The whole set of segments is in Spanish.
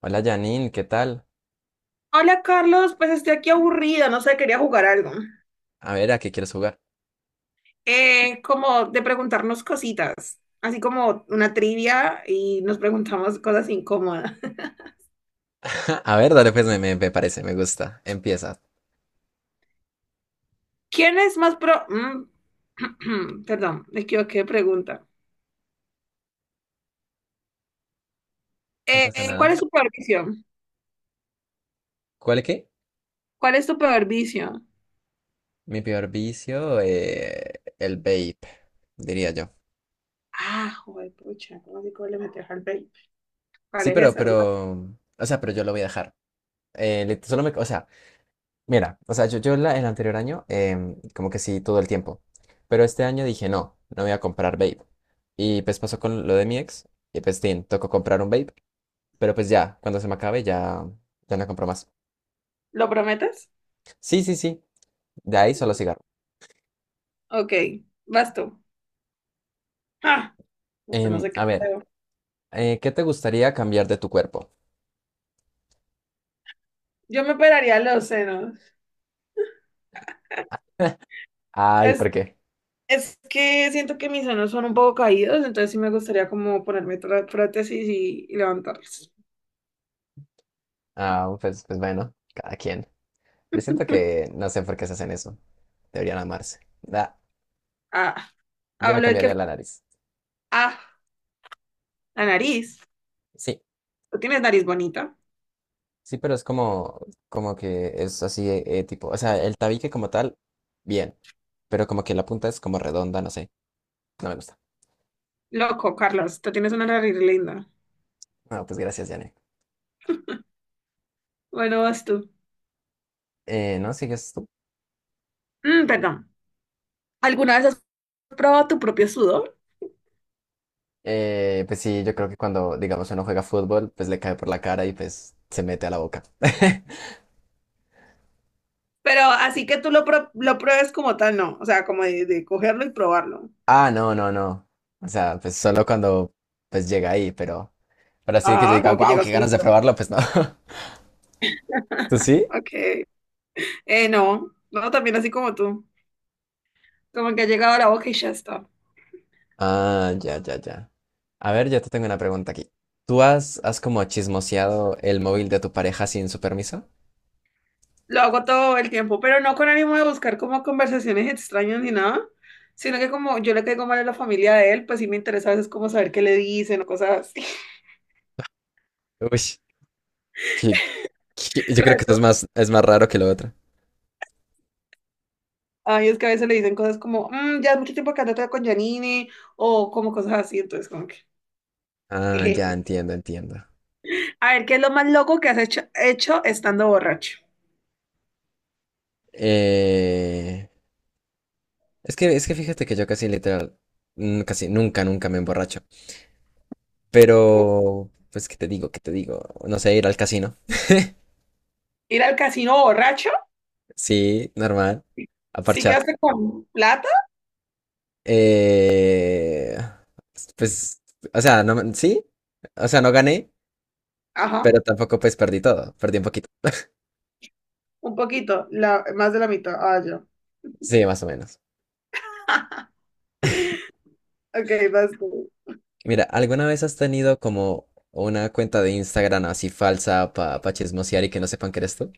Hola Janine, ¿qué tal? Hola Carlos, pues estoy aquí aburrida, no sé, quería jugar algo. A ver, ¿a qué quieres jugar? Como de preguntarnos cositas, así como una trivia y nos preguntamos cosas incómodas. A ver, dale, pues me parece, me gusta. Empieza. ¿Quién es más pro... Perdón, me equivoqué de pregunta. No pasa ¿Cuál nada. es tu peor vicio? ¿Cuál es qué? ¿Cuál es tu peor vicio? Mi peor vicio, el vape, diría yo. Ah, joder, pucha, ¿cómo así cómo le metes al vape? ¿Cuál Sí, es pero, esa, hermano? o sea, pero yo lo voy a dejar. Solo me, o sea, mira, o sea, yo el anterior año, como que sí, todo el tiempo. Pero este año dije, no, no voy a comprar vape. Y pues pasó con lo de mi ex, y pues, tin, tocó comprar un vape. Pero pues ya, cuando se me acabe, ya, ya no compro más. ¿Lo prometes? Sí, sí, sí. De ahí solo cigarro. Ok, vas tú. Ah, pues no sé qué A ver, pedo. ¿Qué te gustaría cambiar de tu cuerpo? Yo me operaría los senos. Ay, ¿por Es qué? Es que siento que mis senos son un poco caídos, entonces sí me gustaría como ponerme prótesis y levantarlos. Ah, pues bueno, cada quien. Yo siento que no sé por qué se hacen eso. Deberían amarse. Ah, Yo me hablo de cambiaría que... la nariz. Ah, la nariz. Sí, Tú tienes nariz bonita. sí, pero es como que es así, tipo, o sea, el tabique como tal, bien, pero como que la punta es como redonda, no sé, no me gusta. Loco, Carlos, tú tienes una nariz linda. No, pues gracias, Yane. Bueno, vas tú. ¿No? ¿Sigues tú? Mm, perdón. ¿Alguna vez has probado tu propio sudor? Pues sí, yo creo que cuando, digamos, uno juega fútbol, pues le cae por la cara y pues se mete a la boca. Pero así que tú lo pruebes como tal, no. O sea, como de cogerlo y probarlo. Ah, no, no, no. O sea, pues solo cuando pues llega ahí, pero así de que yo Ah, diga, como que wow, llega qué ganas de solito. probarlo, pues no. ¿Tú sí? Ok. No, no, también así como tú. Como que ha llegado a la boca y ya está. Ah, ya, ya, ya. A ver, yo te tengo una pregunta aquí. ¿Tú has como chismoseado el móvil de tu pareja sin su permiso? Lo hago todo el tiempo, pero no con ánimo de buscar como conversaciones extrañas ni nada, sino que como yo le caigo mal a la familia de él, pues sí me interesa a veces como saber qué le dicen o cosas así. Uy, que- yo creo que esto Reto. es más raro que lo otro. Ay, es que a veces le dicen cosas como, "Mm, ya es mucho tiempo que andas con Janine, o como cosas así, entonces como que... Ah, ya Jeje. entiendo, entiendo. A ver, ¿qué es lo más loco que has hecho estando borracho? Eh, es que fíjate que yo casi literal, casi nunca, nunca me emborracho. Pero, pues, ¿qué te digo? ¿Qué te digo? No sé, ir al casino. ¿Ir al casino borracho? Sí, normal. A Sí parchar. quedaste con plata. Eh, pues, o sea, no, sí. O sea, no gané, Ajá, pero tampoco pues perdí todo. Perdí un poquito. un poquito, la, más de la mitad. Ah, ya. Sí, más o menos. Ok, vas tú. Mira, ¿alguna vez has tenido como una cuenta de Instagram así falsa para pa chismosear y que no sepan que eres tú?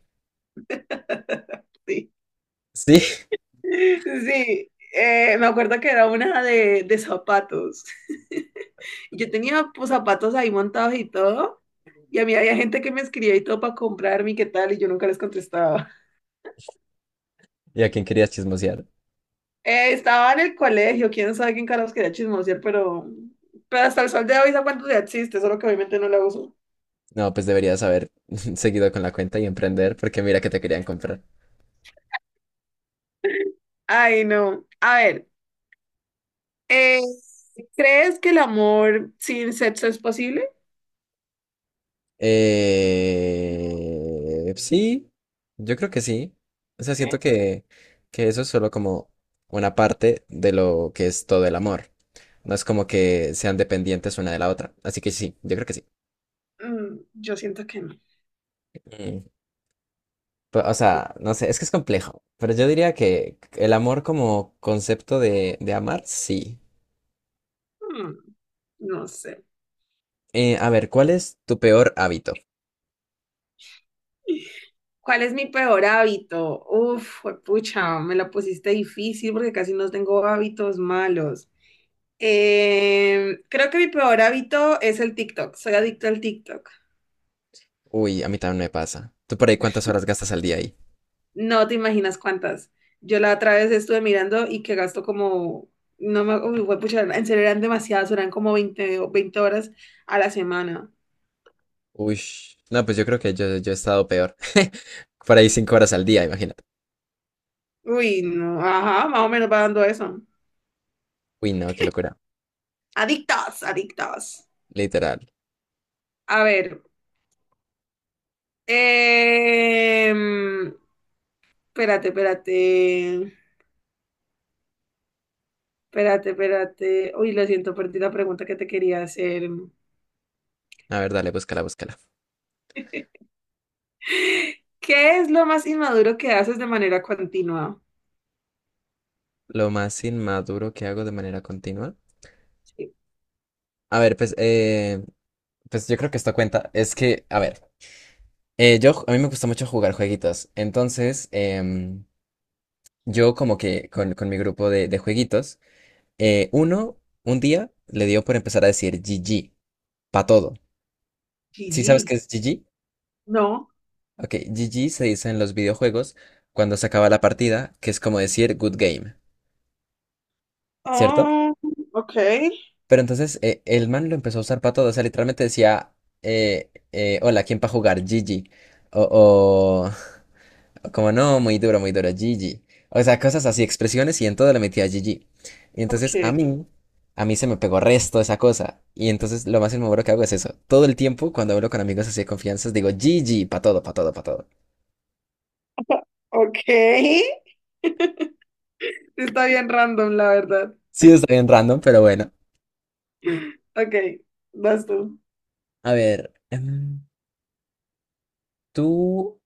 Sí. Sí. Sí, me acuerdo que era una de zapatos. Y yo tenía pues, zapatos ahí montados y todo. Y a mí había gente que me escribía y todo para comprarme y qué tal, y yo nunca les contestaba. ¿Y a quién querías chismosear? Estaba en el colegio, quién sabe quién carajos quería chismosear, pero hasta el sol de hoy esa cuánto ya existe, solo que obviamente no la uso. No, pues deberías haber seguido con la cuenta y emprender porque mira que te querían comprar. Ay, no. A ver, eh, ¿crees que el amor sin sexo es posible? Sí, yo creo que sí. O sea, siento Sí. que eso es solo como una parte de lo que es todo el amor. No es como que sean dependientes una de la otra. Así que sí, yo creo que sí. Yo siento que no. Mm. O sea, no sé, es que es complejo. Pero yo diría que el amor como concepto de amar, sí. Mm, no sé. A ver, ¿cuál es tu peor hábito? ¿Cuál es mi peor hábito? Uf, pucha, me la pusiste difícil porque casi no tengo hábitos malos. Creo que mi peor hábito es el TikTok. Soy adicto al TikTok. Uy, a mí también me pasa. ¿Tú por ahí cuántas horas gastas al día ahí? No te imaginas cuántas. Yo la otra vez estuve mirando y que gasto como, no me, uy, pucha, en serio eran demasiadas, eran como 20, o 20 horas a la semana. Uy, no, pues yo creo que yo he estado peor. Por ahí 5 horas al día, imagínate. Uy, no, ajá, más o menos va dando eso. Uy, no, qué locura. Adictos, adictos. Literal. A ver, em, espérate, espérate, espérate, espérate. Uy, lo siento, perdí la pregunta que te quería hacer. A ver, dale, búscala, búscala. ¿Qué es lo más inmaduro que haces de manera continua? Lo más inmaduro que hago de manera continua. Sí. A ver, pues yo creo que esto cuenta. Es que, a ver, a mí me gusta mucho jugar jueguitos. Entonces, yo como que con mi grupo de jueguitos, eh, uno, un día le dio por empezar a decir GG, pa' todo. ¿Sí sabes GG. qué es GG? No. Ok, GG se dice en los videojuegos cuando se acaba la partida, que es como decir good game, ¿cierto? Oh, ok, Pero entonces el man lo empezó a usar para todo, o sea, literalmente decía, hola, ¿quién para jugar? GG. O, o, o como no, muy duro, GG. O sea, cosas así, expresiones y en todo le metía GG. Y entonces a ok, mí, a mí se me pegó resto esa cosa. Y entonces lo más inmaduro que hago es eso. Todo el tiempo cuando hablo con amigos así de confianzas digo GG, para todo, para todo, para todo. ok. Está bien random, la verdad. Sí, está bien random, pero bueno. Ok, vas tú. A ver, ¿tú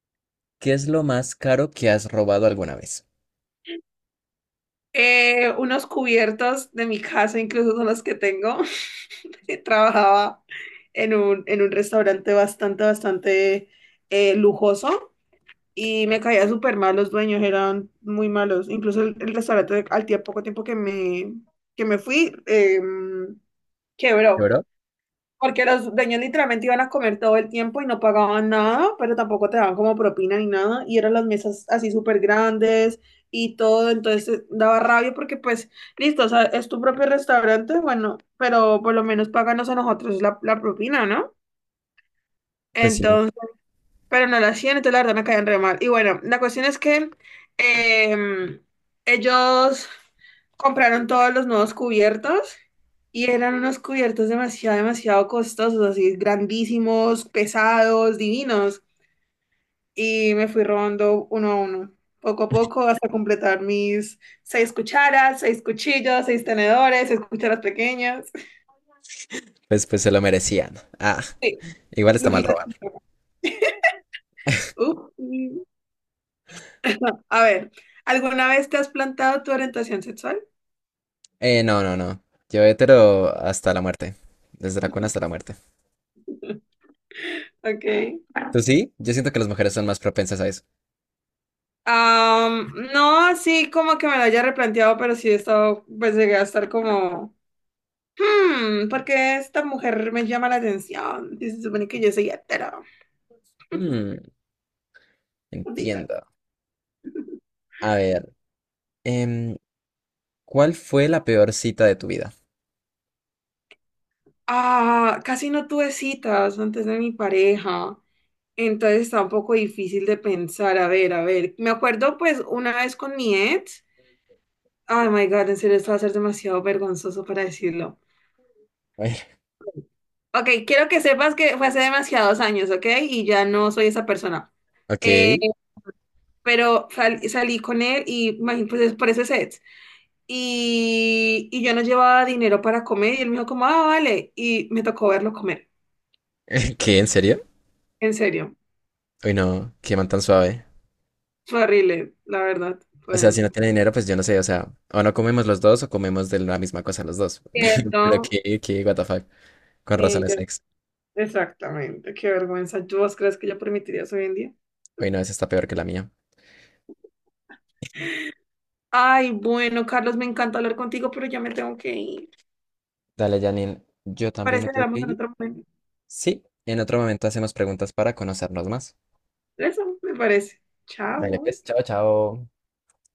qué es lo más caro que has robado alguna vez? Unos cubiertos de mi casa, incluso son los que tengo. Trabajaba en un restaurante bastante, bastante lujoso y me caía súper mal. Los dueños eran muy malos. Incluso el restaurante, al tiempo, poco tiempo que me fui, quebró. ¿Lloró? Porque los dueños literalmente iban a comer todo el tiempo y no pagaban nada, pero tampoco te daban como propina ni nada. Y eran las mesas así súper grandes y todo. Entonces daba rabia porque pues, listo, o sea, es tu propio restaurante, bueno, pero por lo menos páganos a nosotros la propina, ¿no? Pues sí, Pero no lo hacían, entonces la verdad me caían re mal. Y bueno, la cuestión es que em, ellos compraron todos los nuevos cubiertos y eran unos cubiertos demasiado, demasiado costosos, así grandísimos, pesados, divinos. Y me fui robando uno a uno, poco a poco, hasta completar mis seis cucharas, seis cuchillos, seis tenedores, seis cucharas pequeñas. pues se lo merecían. Ah, Sí, igual está mal lujitos. robar. Uf, sí. A ver, ¿alguna vez te has plantado tu orientación sexual? No, no, no. Yo hetero hasta la muerte. Desde la cuna hasta la muerte. Okay. ¿Tú sí? Yo siento que las mujeres son más propensas a eso. No, así como que me lo haya replanteado, pero sí he estado, pues llegué a estar como, ¿por qué esta mujer me llama la atención? Y se supone que yo soy hetero. Mm, Maldita". entiendo. A ver, em, ¿cuál fue la peor cita de tu vida? Ah, casi no tuve citas antes de mi pareja, entonces está un poco difícil de pensar. A ver, me acuerdo pues una vez con mi ex. Oh my God, en serio, esto va a ser demasiado vergonzoso para decirlo. A ver, Ok, quiero que sepas que fue hace demasiados años, ¿ok? Y ya no soy esa persona. Eh, ok. pero salí con él y pues es por ese set. Y yo no llevaba dinero para comer y él me dijo como, ah, vale. Y me tocó verlo comer. ¿Qué? ¿En serio? En serio. Uy, no, qué man tan suave. Fue horrible, la verdad. O sea, Fue si no tiene dinero, pues yo no sé, o sea, o no comemos los dos o comemos de la misma cosa los dos. Pero cierto. What the fuck, con Sí, razones ex. exactamente. Qué vergüenza. ¿Tú vos crees que yo permitiría hoy en día? Uy, no, esa está peor que la mía. Ay, bueno, Carlos, me encanta hablar contigo, pero ya me tengo que ir. Dale, Janine, yo también Parece me que tengo que hablamos en ir. otro momento. Sí, en otro momento hacemos preguntas para conocernos más. Eso, me parece. Dale, Chao. pues, chao, chao.